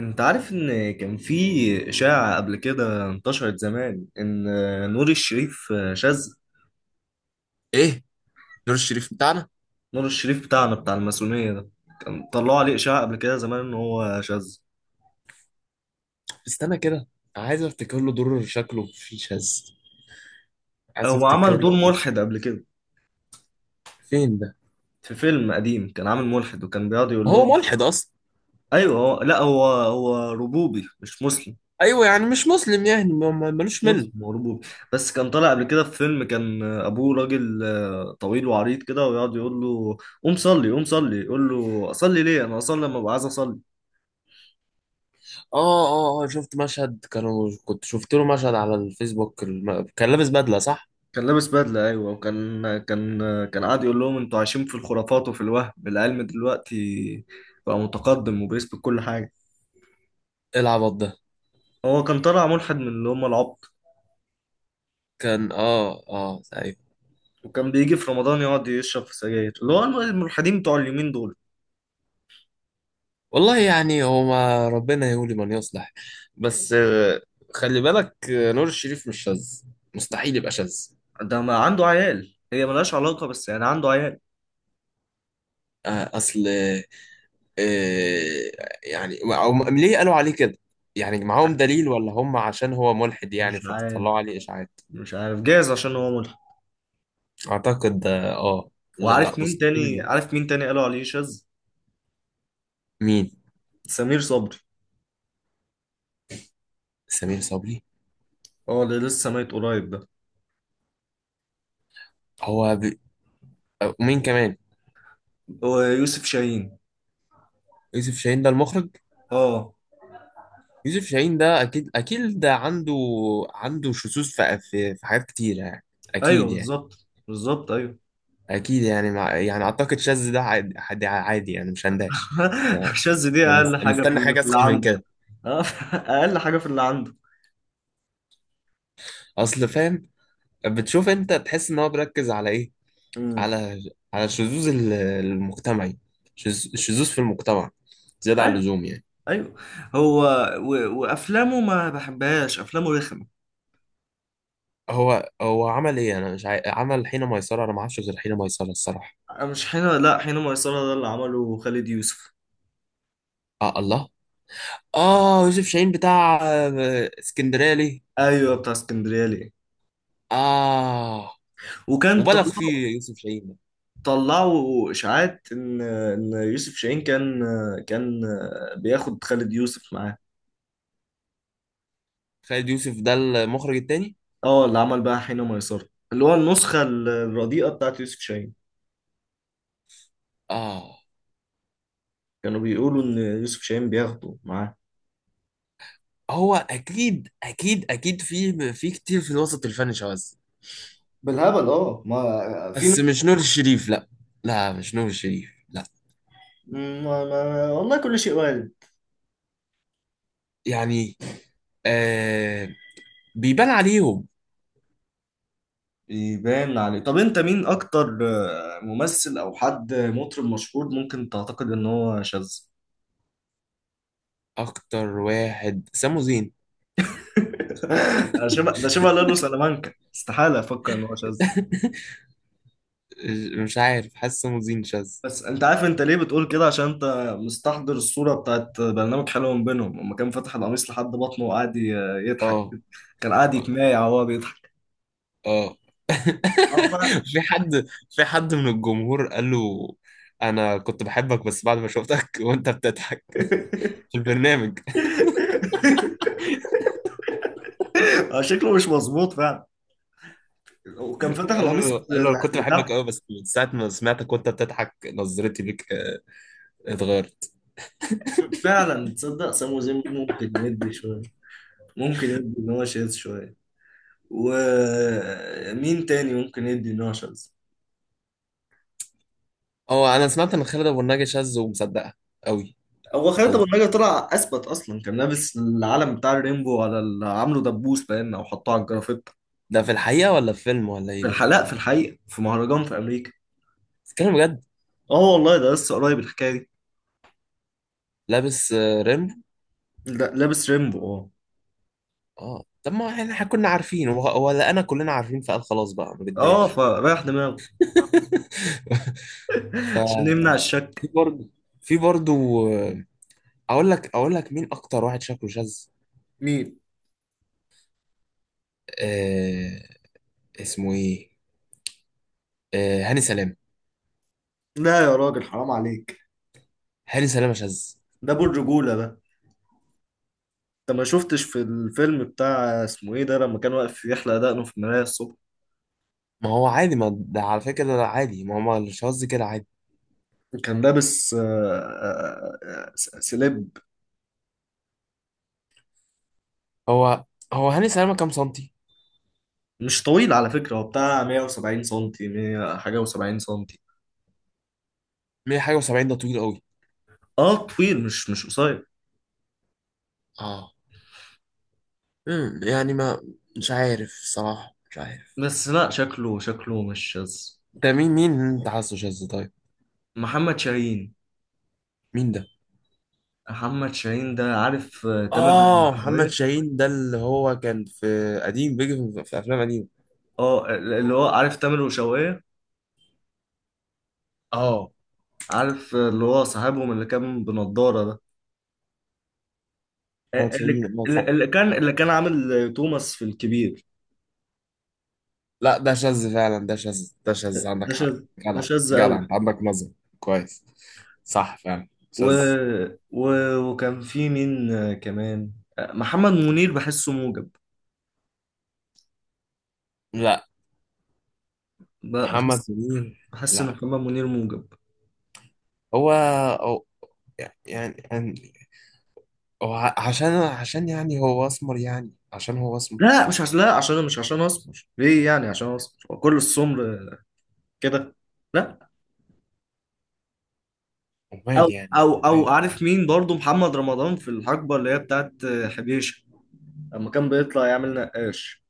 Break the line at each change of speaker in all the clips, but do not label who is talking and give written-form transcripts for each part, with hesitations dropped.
انت عارف ان كان في اشاعة قبل كده انتشرت زمان ان نور الشريف شاذ؟
ايه، نور الشريف بتاعنا؟
نور الشريف بتاعنا بتاع الماسونية ده، كان طلعوا عليه اشاعة قبل كده زمان ان هو شاذ.
استنى كده، عايز افتكر له دور شكله في شاذ. عايز
هو عمل
افتكر
دور
له.
ملحد قبل كده
فين ده؟
في فيلم قديم، كان عامل ملحد وكان بيقعد يقول
هو
لهم.
ملحد اصلا؟
ايوه، هو، لا، هو ربوبي، مش مسلم.
ايوه يعني مش مسلم، يعني
مش
ملوش مل.
مسلم، هو ربوبي. بس كان طالع قبل كده في فيلم كان ابوه راجل، طويل وعريض كده، ويقعد يقول له قوم صلي، قوم صلي، يقول له اصلي ليه، انا اصلي لما ابقى عايز اصلي.
اه شفت مشهد، كنت شفت له مشهد على الفيسبوك كان لابس بدله، صح؟
كان لابس بدلة، أيوة، وكان كان قاعد يقول لهم أنتوا عايشين في الخرافات وفي الوهم، العلم دلوقتي بقى متقدم وبيثبت كل حاجة.
إيه العبط ده؟
هو كان طالع ملحد من اللي هم العبط،
كان ايوه.
وكان بيجي في رمضان يقعد يشرب في سجاير، اللي هو الملحدين بتوع اليومين دول.
والله يعني هو، ما ربنا يولي من يصلح. بس خلي بالك، نور الشريف مش شاذ. مستحيل يبقى شاذ.
ده ما عنده عيال، هي ملهاش علاقة، بس يعني عنده عيال.
اصل، آه، يعني ليه قالوا عليه كده؟ يعني معاهم دليل، ولا هم عشان هو ملحد
مش
يعني فبيطلعوا
عارف
عليه إشاعات؟
مش عارف جايز عشان هو ملحد.
أعتقد اه آه. لا
وعارف
لا،
مين
مستحيل
تاني
ده.
عارف مين تاني قالوا عليه شاذ؟
مين؟
سمير صبري،
سمير صبري.
اه اللي لسه ميت قريب ده.
هو ب... ومين كمان؟
ويوسف شاهين.
يوسف شاهين ده المخرج.
اه،
يوسف شاهين ده أكيد أكيد ده عنده، عنده شذوذ في حاجات كتيرة يعني.
ايوه
أكيد يعني.
بالظبط بالظبط، ايوه.
أكيد يعني أعتقد شاذ ده عادي عادي عادي يعني، مش هندهش
الشاذ دي اقل
يعني.
حاجه في
مستني
اللي
حاجة
في اللي
أسخن من
عنده.
كده.
اه. اقل حاجه في اللي عنده.
أصل فاهم. بتشوف انت تحس ان هو بيركز على ايه؟
امم
على، على الشذوذ المجتمعي. الشذوذ في المجتمع زيادة عن
ايوه،
اللزوم يعني.
ايوه. هو و... وافلامه ما بحبهاش، افلامه رخمه.
هو عمل ايه؟ انا مش عاي... عمل حين ميسرة. انا ما اعرفش غير حين ميسرة الصراحة.
مش حين، لا، حين ميسره ده اللي عمله خالد يوسف.
اه الله، اه يوسف شاهين بتاع اسكندرية ليه؟
ايوه بتاع اسكندريه ليه.
اه،
وكان
مبالغ
طلعوا
فيه يوسف شاهين ده.
طلعوا اشاعات ان يوسف شاهين كان، كان بياخد خالد يوسف معاه.
خالد يوسف ده المخرج التاني؟
اه اللي عمل بقى حين ميسره، اللي هو النسخه الرديئه بتاعت يوسف شاهين.
اه.
كانوا بيقولوا ان يوسف شاهين بياخده معاه.
هو اكيد اكيد اكيد في، في كتير في الوسط الفني شواذ،
بالهبل، اه ما في.
بس مش نور الشريف، لا. لا، مش نور الشريف، لا.
ما والله كل شيء وارد.
يعني آه بيبان عليهم.
يبان عليه. طب انت مين اكتر ممثل او حد مطرب مشهور ممكن تعتقد ان هو شاذ؟
اكتر واحد سامو زين.
ده شبه لالو سلامانكا، استحالة افكر ان هو شاذ.
مش عارف، حاسس سامو زين شاذ.
بس انت عارف انت ليه بتقول كده؟ عشان انت مستحضر الصورة بتاعت برنامج حلو من بينهم، لما كان فاتح القميص لحد بطنه وقعد يضحك.
اه
كان قاعد يتمايع وهو بيضحك.
اه
اه فعلا.
في حد، في حد من الجمهور قال له: انا كنت بحبك، بس بعد ما شفتك وانت بتضحك في البرنامج.
شكله مش مظبوط فعلا، وكان فتح
قال
القميص
له، قال له: أنا كنت بحبك
لتحت.
قوي، بس من ساعه ما سمعتك وانت بتضحك نظرتي ليك اتغيرت.
فعلا، تصدق سامو زين ممكن يدي شوية، ممكن يدي ان هو شاذ شوية. ومين تاني ممكن يدي ان هو شاذ؟
اه، انا سمعت ان خالد ابو النجا شاذ، ومصدقها قوي.
هو خالد ابو
قوي.
النجا طلع اثبت اصلا، كان لابس العلم بتاع الريمبو على عامله دبوس باين، او حطه على الجرافيت.
ده في الحقيقه ولا في فيلم ولا ايه
في
ده؟
الحلقة، في الحقيقة، في مهرجان في امريكا.
بتتكلم بجد؟
اه والله ده لسه قريب الحكاية دي.
لابس ريمبو؟
لا، لابس ريمبو، اه.
اه، طب ما احنا، إحنا كنا عارفين ولا انا، كلنا عارفين، فقال خلاص بقى ما
اه
بدهاش.
فرايح دماغه
ف،
عشان يمنع
في
الشك.
برضه، في برضه، اقول لك، اقول لك مين اكتر واحد شكله شاذ.
مين؟
آه، اسمه ايه؟ آه، هاني سلام.
لا يا راجل حرام عليك،
هاني سلام شاذ؟
ده ابو الرجولة ده. انت ما شفتش في الفيلم بتاع اسمه ايه ده، لما كان واقف يحلق دقنه في المراية الصبح؟
ما هو عادي. ما ده على فكره ده عادي. ما هو الشاذ كده عادي.
كان لابس سليب.
هو هو هاني سلامه كام سنتي؟
مش طويل على فكرة، هو بتاع 170 سنتي، 100 حاجة و70 سنتي.
100 حاجه و70 ده طويل قوي.
اه طويل، مش قصير.
اه. امم، يعني ما، مش عارف صراحه، مش عارف.
بس لا، شكله مش شاذ.
ده مين، مين اللي انت حاسه شاذ طيب؟
محمد شاهين.
مين ده؟
محمد شاهين ده، عارف تامر
اه، محمد
وشوقية؟
شاهين ده اللي هو كان في، قديم، بيجي في، في افلام قديمه.
اه اللي هو عارف تامر وشوقية.
اه،
عارف اللي هو صاحبهم اللي كان بنضارة ده؟
محمد
آه، اللي
شاهين، اه
اللي
صح.
اللي كان
آه.
اللي كان عامل توماس في الكبير.
لا ده شاذ فعلا. ده شاذ، ده شاذ،
ده
عندك حق.
شاذ، ده
جدع،
شاذ قوي.
جدع، انت عندك نظر. كويس. صح فعلا
و...
شاذ.
و... وكان في مين كمان؟ محمد منير بحسه موجب.
لا
ب-
محمد
بحس
منير،
بحس ان
لا.
محمد منير موجب.
هو هو- يعني، يعني هو عشان، عشان يعني هو اسمر؟ يعني عشان هو اسمر؟
لا مش عشان، لا، عشان مش عشان اسمر، ليه يعني عشان اسمر؟ هو كل السمر كده؟ لا. او
امال يعني؟
او او
عارف.
عارف مين برضو؟ محمد رمضان في الحقبه اللي هي بتاعت حبيشه، لما كان بيطلع يعمل نقاش.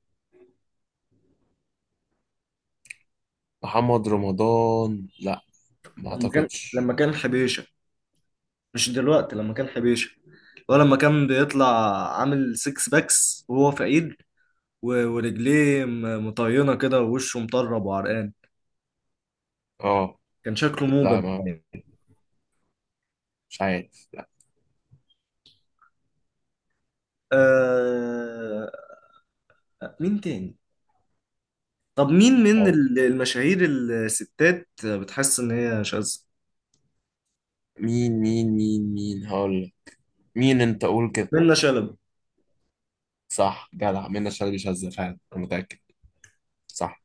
محمد رمضان؟ لا، ما
لما كان
اعتقدش.
لما كان حبيشه، مش دلوقتي، لما كان حبيشه، ولا لما كان بيطلع عامل سيكس باكس وهو فقير، ورجليه مطينة كده، ووشه مطرب وعرقان،
اه،
كان شكله
لا،
موجب.
ما طيب، مش عارف، لا.
آه... مين تاني؟ طب مين من
آه،
المشاهير الستات بتحس إن هي شاذة؟
مين مين مين مين هقول لك. مين انت، قول كده.
منة شلبي.
صح، جدع، منى شلبي شاذة فعلا، انا متأكد. صح.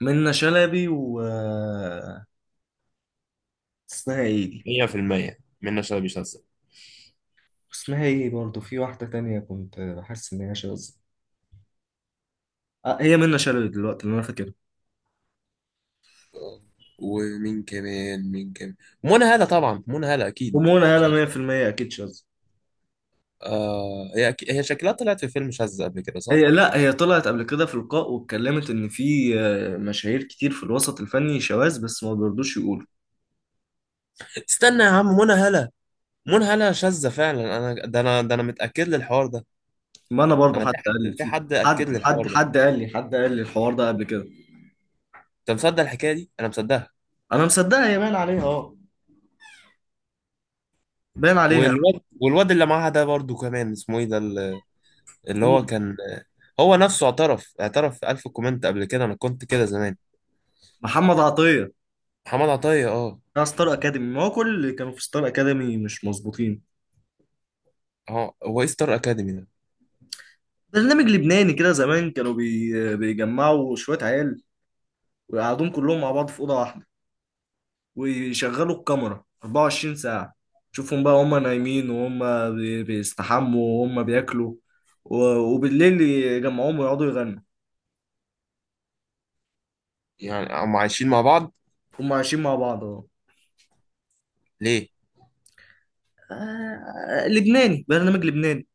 منة شلبي و اسمها ايه دي؟
100% منى شلبي شاذة.
اسمها ايه برضه، في واحدة تانية كنت بحس إن هي شاذة. آه هي منة شلبي دلوقتي اللي أنا فاكرها.
ومين كمان، مين كمان؟ منى هالة طبعا، منى هالة اكيد
ومنى هلا
شاذة.
100% أكيد شاذة.
آه هي أكيد. هي شكلها طلعت في فيلم شاذة قبل كده، صح؟
هي، لا، هي طلعت قبل كده في لقاء واتكلمت ان في مشاهير كتير في الوسط الفني شواذ، بس ما بيرضوش يقولوا.
استنى يا عم، منى هالة، منى هالة شاذة فعلا. انا ده، انا ده، انا متأكد للحوار ده.
ما انا برضو
انا،
حد
في
قال
حد،
لي،
في
فيه
حد اكد لي
حد
الحوار ده.
قال لي، الحوار ده قبل كده.
انت مصدق الحكاية دي؟ انا مصدقها.
انا مصدقها، هي باين عليها اه، باين عليها.
والواد، والواد اللي معاها ده برضو كمان اسمه ايه ده؟ اللي هو
مين؟
كان، هو نفسه اعترف، اعترف في ألف كومنت قبل كده: انا كنت كده زمان.
محمد عطية
محمد عطية؟ اه.
بتاع ستار اكاديمي. ما هو كل اللي كانوا في ستار اكاديمي مش مظبوطين.
اه، هو ايه ستار اكاديمي ده؟
برنامج لبناني كده زمان، كانوا بيجمعوا شوية عيال، ويقعدوهم كلهم مع بعض في أوضة واحدة، ويشغلوا الكاميرا 24 ساعة. شوفهم بقى هما نايمين، وهم بيستحموا، وهم بياكلوا. و- وبالليل يجمعوهم، ويقعدوا يغنوا.
يعني هم عايشين مع بعض؟
هم عايشين مع بعض اهو.
ليه؟
لبناني، برنامج لبناني.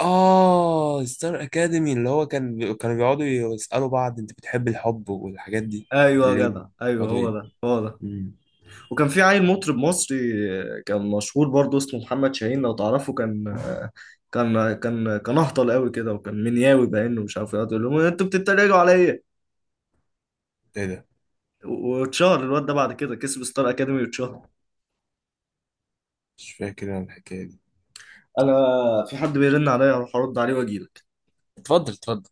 اه، ستار اكاديمي اللي هو كان كانوا بيقعدوا يسألوا بعض: انت بتحب الحب والحاجات دي؟
ايوه يا
بالليل
جدع، ايوه،
بيقعدوا
هو
ايه؟
ده هو ده.
مم.
وكان في عيل مطرب مصري كان مشهور برضه، اسمه محمد شاهين لو تعرفه. كان كان اهطل قوي كده، وكان منياوي باينه، ومش عارف ايه، يقعد يقول لهم انتوا بتتريقوا عليا.
ايه ده؟
واتشهر الواد ده بعد كده، كسب ستار اكاديمي واتشهر.
مش فاكر انا الحكاية دي.
انا، في حد بيرن عليا، هروح ارد عليه واجيلك.
اتفضل، اتفضل.